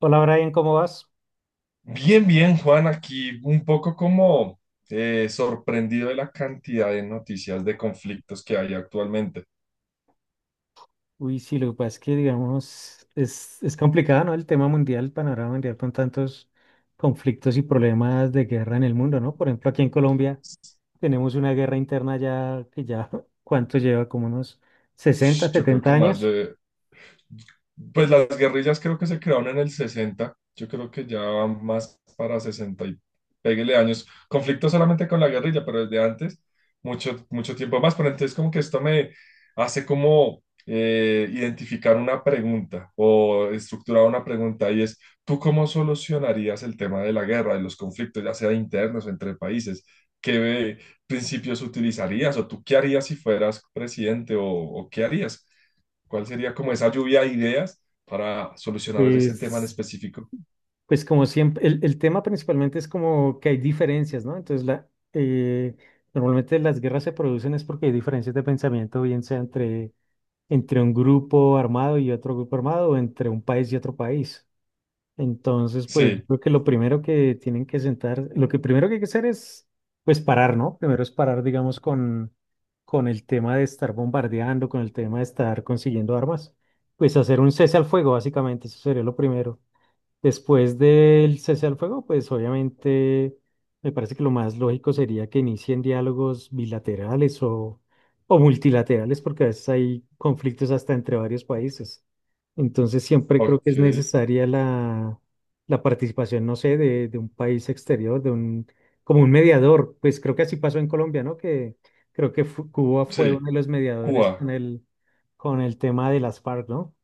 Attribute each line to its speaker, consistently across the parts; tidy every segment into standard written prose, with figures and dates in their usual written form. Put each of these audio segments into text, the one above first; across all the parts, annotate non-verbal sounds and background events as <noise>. Speaker 1: Hola Brian, ¿cómo vas?
Speaker 2: Bien, bien, Juan, aquí un poco como sorprendido de la cantidad de noticias de conflictos que hay actualmente.
Speaker 1: Uy, sí, lo que pasa es que, digamos, es complicado, ¿no? El tema mundial, el panorama mundial con tantos conflictos y problemas de guerra en el mundo, ¿no? Por ejemplo, aquí en Colombia tenemos una guerra interna ya que ya, <laughs> ¿cuánto lleva? Como unos 60,
Speaker 2: Yo creo que
Speaker 1: 70
Speaker 2: más
Speaker 1: años.
Speaker 2: de Pues las guerrillas creo que se crearon en el 60. Yo creo que ya van más para 60 y péguele años. Conflicto solamente con la guerrilla, pero desde antes, mucho tiempo más. Pero entonces como que esto me hace como identificar una pregunta o estructurar una pregunta, y es, ¿tú cómo solucionarías el tema de la guerra, de los conflictos, ya sea internos o entre países? ¿Qué principios utilizarías? O tú ¿qué harías si fueras presidente? ¿O qué harías? ¿Cuál sería como esa lluvia de ideas para solucionar ese tema en
Speaker 1: Pues,
Speaker 2: específico?
Speaker 1: pues como siempre, el tema principalmente es como que hay diferencias, ¿no? Entonces, la, eh, normalmente las guerras se producen es porque hay diferencias de pensamiento, bien sea entre un grupo armado y otro grupo armado, o entre un país y otro país. Entonces, pues yo
Speaker 2: Sí,
Speaker 1: creo que lo primero que tienen que sentar, lo que primero que hay que hacer es, pues parar, ¿no? Primero es parar, digamos, con el tema de estar bombardeando, con el tema de estar consiguiendo armas, pues hacer un cese al fuego, básicamente, eso sería lo primero. Después del cese al fuego, pues obviamente me parece que lo más lógico sería que inicien diálogos bilaterales o multilaterales, porque a veces hay conflictos hasta entre varios países. Entonces siempre creo que
Speaker 2: ok,
Speaker 1: es necesaria la, la participación, no sé, de un país exterior, de un, como un mediador. Pues creo que así pasó en Colombia, ¿no? Que creo que Cuba fue uno
Speaker 2: sí,
Speaker 1: de los mediadores
Speaker 2: Cuba.
Speaker 1: con el tema de las FARC, ¿no?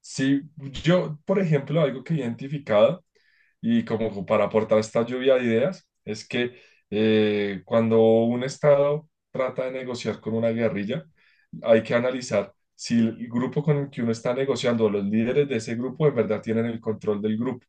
Speaker 2: Sí, yo, por ejemplo, algo que he identificado y como para aportar esta lluvia de ideas es que cuando un Estado trata de negociar con una guerrilla, hay que analizar si el grupo con el que uno está negociando, los líderes de ese grupo, en verdad tienen el control del grupo.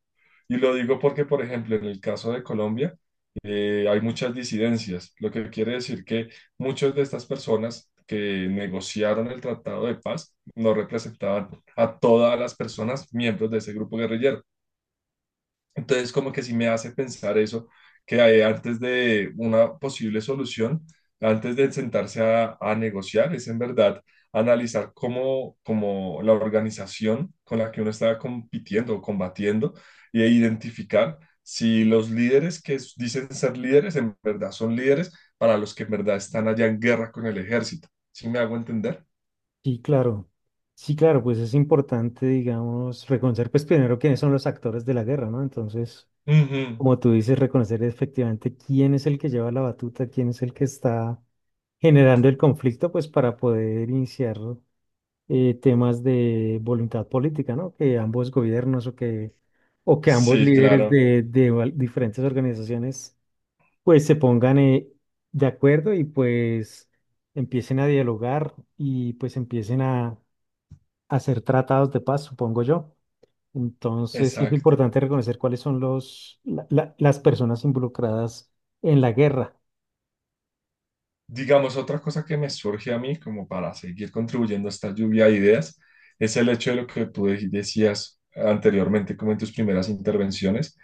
Speaker 2: Y lo digo porque, por ejemplo, en el caso de Colombia, hay muchas disidencias, lo que quiere decir que muchas de estas personas que negociaron el tratado de paz no representaban a todas las personas miembros de ese grupo guerrillero. Entonces, como que sí me hace pensar eso, que hay antes de una posible solución, antes de sentarse a negociar, es en verdad analizar cómo la organización con la que uno está compitiendo o combatiendo e identificar si los líderes que dicen ser líderes en verdad son líderes para los que en verdad están allá en guerra con el ejército. ¿Sí me hago entender?
Speaker 1: Sí, claro. Sí, claro, pues es importante, digamos, reconocer, pues primero quiénes son los actores de la guerra, ¿no? Entonces,
Speaker 2: Ujú.
Speaker 1: como tú dices, reconocer efectivamente quién es el que lleva la batuta, quién es el que está generando el conflicto, pues para poder iniciar temas de voluntad política, ¿no? Que ambos gobiernos o que ambos
Speaker 2: Sí,
Speaker 1: líderes
Speaker 2: claro,
Speaker 1: de, diferentes organizaciones, pues se pongan de acuerdo y pues empiecen a dialogar y pues empiecen a hacer tratados de paz, supongo yo. Entonces, sí es
Speaker 2: exacto.
Speaker 1: importante reconocer cuáles son los, las personas involucradas en la guerra.
Speaker 2: Digamos, otra cosa que me surge a mí como para seguir contribuyendo a esta lluvia de ideas es el hecho de lo que tú decías anteriormente, como en tus primeras intervenciones,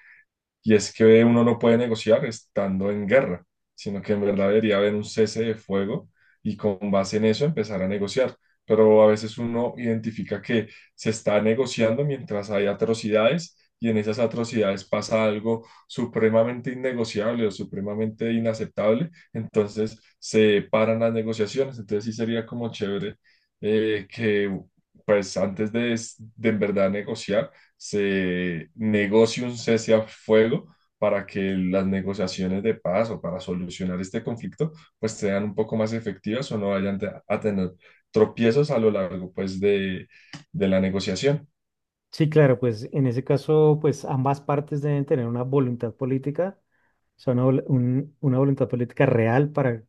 Speaker 2: y es que uno no puede negociar estando en guerra, sino que en verdad debería haber un cese de fuego y con base en eso empezar a negociar. Pero a veces uno identifica que se está negociando mientras hay atrocidades, y en esas atrocidades pasa algo supremamente innegociable o supremamente inaceptable, entonces se paran las negociaciones. Entonces sí sería como chévere que pues antes de en verdad negociar, se negocie un cese a fuego para que las negociaciones de paz o para solucionar este conflicto pues sean un poco más efectivas o no vayan a tener tropiezos a lo largo pues de la negociación.
Speaker 1: Sí, claro, pues en ese caso, pues ambas partes deben tener una voluntad política, o sea, una, una voluntad política real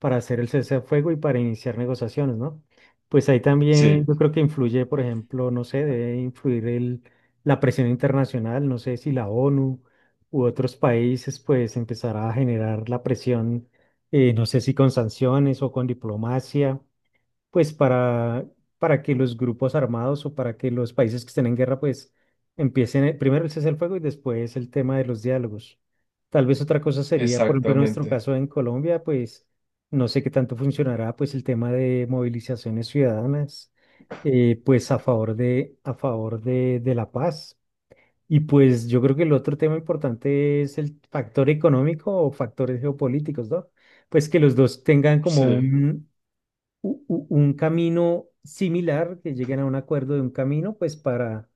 Speaker 1: para hacer el cese al fuego y para iniciar negociaciones, ¿no? Pues ahí también
Speaker 2: Sí,
Speaker 1: yo creo que influye, por ejemplo, no sé, debe influir el, la presión internacional, no sé si la ONU u otros países, pues empezará a generar la presión, no sé si con sanciones o con diplomacia pues para que los grupos armados o para que los países que estén en guerra, pues empiecen primero el cese al fuego y después el tema de los diálogos. Tal vez otra cosa sería, por ejemplo, en nuestro
Speaker 2: exactamente.
Speaker 1: caso en Colombia, pues no sé qué tanto funcionará, pues el tema de movilizaciones ciudadanas, pues a favor de la paz. Y pues yo creo que el otro tema importante es el factor económico o factores geopolíticos, ¿no? Pues que los dos tengan como
Speaker 2: Sí.
Speaker 1: un, un camino similar, que lleguen a un acuerdo de un camino, pues para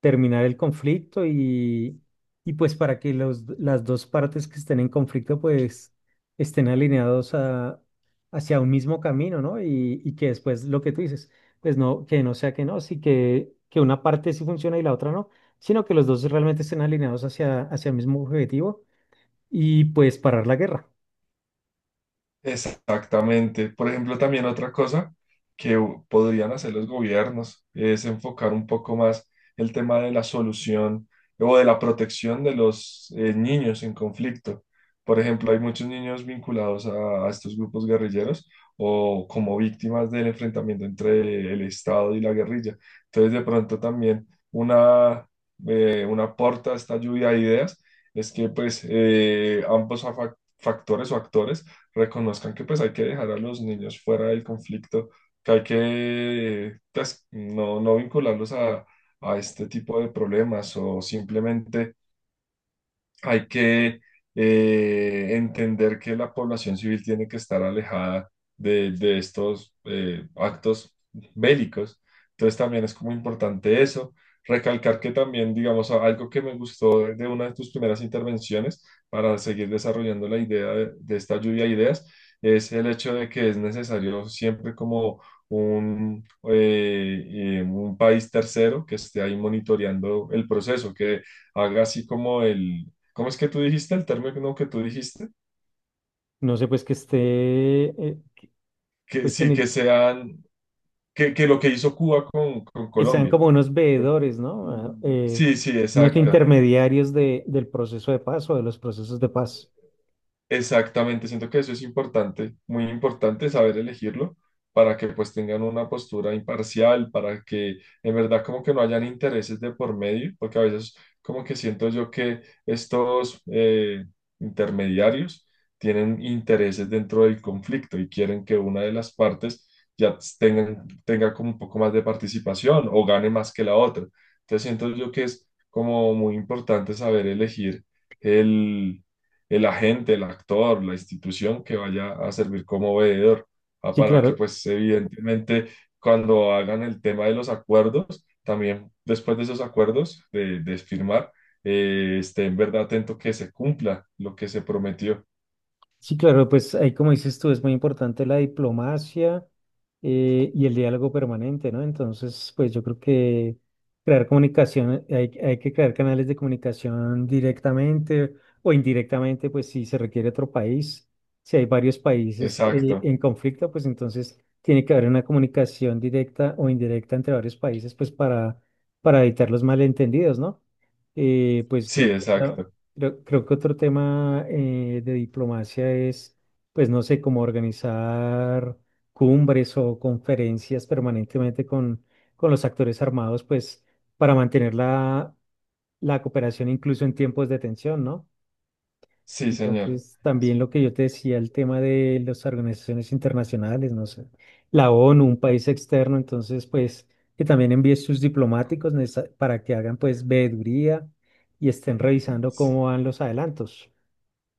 Speaker 1: terminar el conflicto y pues para que los, las dos partes que estén en conflicto pues estén alineados a, hacia un mismo camino, ¿no? Y que después lo que tú dices, pues no, que no sea que no, sí que una parte sí funciona y la otra no, sino que los dos realmente estén alineados hacia, hacia el mismo objetivo y pues parar la guerra.
Speaker 2: Exactamente. Por ejemplo, también otra cosa que podrían hacer los gobiernos es enfocar un poco más el tema de la solución o de la protección de los niños en conflicto. Por ejemplo, hay muchos niños vinculados a estos grupos guerrilleros o como víctimas del enfrentamiento entre el Estado y la guerrilla. Entonces, de pronto también una, una aporta a esta lluvia de ideas es que pues ambos factores o actores reconozcan que pues hay que dejar a los niños fuera del conflicto, que hay que pues, no, no vincularlos a este tipo de problemas, o simplemente hay que entender que la población civil tiene que estar alejada de estos actos bélicos. Entonces también es como importante eso. Recalcar que también, digamos, algo que me gustó de una de tus primeras intervenciones para seguir desarrollando la idea de esta lluvia de ideas es el hecho de que es necesario siempre como un, un país tercero que esté ahí monitoreando el proceso, que haga así como el, ¿cómo es que tú dijiste? ¿El término que tú dijiste?
Speaker 1: No sé, pues que esté, que-
Speaker 2: Que
Speaker 1: pues que
Speaker 2: sí,
Speaker 1: ni-
Speaker 2: que lo que hizo Cuba con
Speaker 1: que sean
Speaker 2: Colombia.
Speaker 1: como unos veedores, ¿no?
Speaker 2: Mm, sí, sí,
Speaker 1: Unos Exacto.
Speaker 2: exacta.
Speaker 1: intermediarios de, del proceso de paz o de los procesos de paz.
Speaker 2: Exactamente, siento que eso es importante, muy importante saber elegirlo para que pues tengan una postura imparcial, para que en verdad como que no hayan intereses de por medio, porque a veces como que siento yo que estos intermediarios tienen intereses dentro del conflicto y quieren que una de las partes tenga como un poco más de participación o gane más que la otra. Entonces siento yo que es como muy importante saber elegir el agente, el actor, la institución que vaya a servir como veedor, ah,
Speaker 1: Sí,
Speaker 2: para que
Speaker 1: claro.
Speaker 2: pues evidentemente cuando hagan el tema de los acuerdos, también después de esos acuerdos de firmar, esté en verdad atento que se cumpla lo que se prometió.
Speaker 1: Sí, claro, pues ahí como dices tú, es muy importante la diplomacia y el diálogo permanente, ¿no? Entonces, pues yo creo que crear comunicación, hay que crear canales de comunicación directamente o indirectamente, pues si se requiere otro país, si hay varios países
Speaker 2: Exacto,
Speaker 1: en conflicto, pues entonces tiene que haber una comunicación directa o indirecta entre varios países, pues para evitar los malentendidos, ¿no? Pues
Speaker 2: sí,
Speaker 1: creo que...
Speaker 2: exacto,
Speaker 1: Creo que otro tema de diplomacia es, pues no sé, cómo organizar cumbres o conferencias permanentemente con los actores armados, pues para mantener la, la cooperación incluso en tiempos de tensión, ¿no?
Speaker 2: sí, señor.
Speaker 1: Entonces, también lo que yo te decía, el tema de las organizaciones internacionales, no sé, la ONU, un país externo, entonces, pues que también envíe sus diplomáticos para que hagan, pues, veeduría y estén revisando cómo van los adelantos.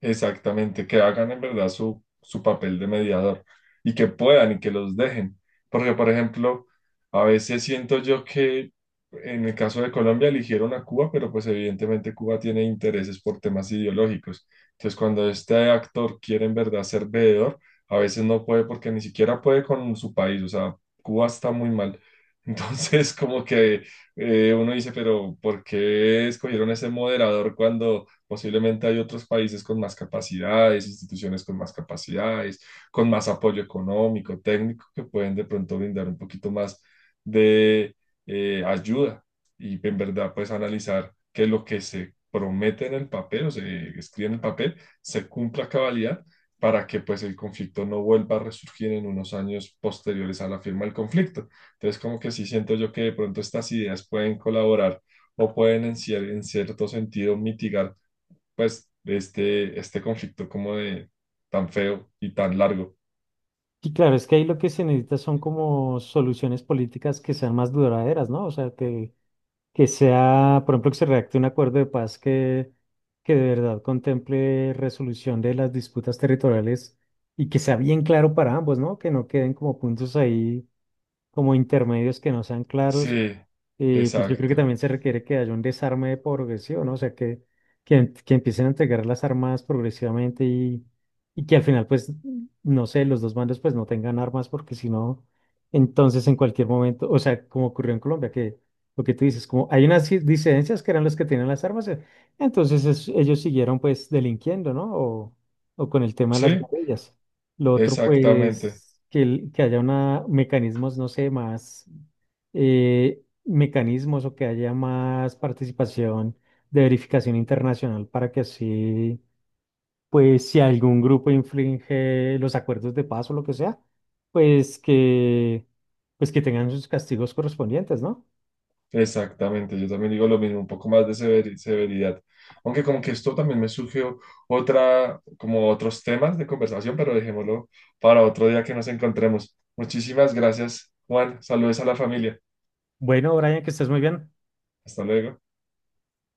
Speaker 2: Exactamente, que hagan en verdad su papel de mediador y que puedan y que los dejen. Porque, por ejemplo, a veces siento yo que en el caso de Colombia eligieron a Cuba, pero pues evidentemente Cuba tiene intereses por temas ideológicos. Entonces, cuando este actor quiere en verdad ser veedor, a veces no puede porque ni siquiera puede con su país. O sea, Cuba está muy mal. Entonces, <laughs> como que uno dice, pero ¿por qué escogieron ese moderador cuando... posiblemente hay otros países con más capacidades, instituciones con más capacidades, con más apoyo económico, técnico, que pueden de pronto brindar un poquito más de ayuda y en verdad pues analizar que lo que se promete en el papel o se escribe en el papel se cumpla a cabalidad para que pues el conflicto no vuelva a resurgir en unos años posteriores a la firma del conflicto? Entonces como que sí siento yo que de pronto estas ideas pueden colaborar o pueden en cierto sentido mitigar pues, de este conflicto como de tan feo y tan largo.
Speaker 1: Y claro, es que ahí lo que se necesita son como soluciones políticas que sean más duraderas, ¿no? O sea, que sea, por ejemplo, que se redacte un acuerdo de paz que de verdad contemple resolución de las disputas territoriales y que sea bien claro para ambos, ¿no? Que no queden como puntos ahí, como intermedios que no sean claros.
Speaker 2: Sí,
Speaker 1: Y pues yo creo que
Speaker 2: exacto.
Speaker 1: también se requiere que haya un desarme progresivo, ¿no? O sea, que, que empiecen a entregar las armas progresivamente y que al final, pues, no sé, los dos bandos pues no tengan armas porque si no, entonces en cualquier momento, o sea, como ocurrió en Colombia, que lo que tú dices, como hay unas disidencias que eran los que tenían las armas, entonces ellos siguieron pues delinquiendo, ¿no? O con el tema de las
Speaker 2: Sí,
Speaker 1: guerrillas. Lo otro,
Speaker 2: exactamente,
Speaker 1: pues, que, que haya una, mecanismos, no sé, más mecanismos o que haya más participación de verificación internacional para que así, pues si algún grupo infringe los acuerdos de paz o lo que sea, pues que, pues que tengan sus castigos correspondientes, ¿no?
Speaker 2: exactamente. Yo también digo lo mismo, un poco más de severidad. Aunque como que esto también me surgió otra, como otros temas de conversación, pero dejémoslo para otro día que nos encontremos. Muchísimas gracias, Juan. Saludos a la familia.
Speaker 1: Bueno, Brian, que estés muy bien.
Speaker 2: Hasta luego.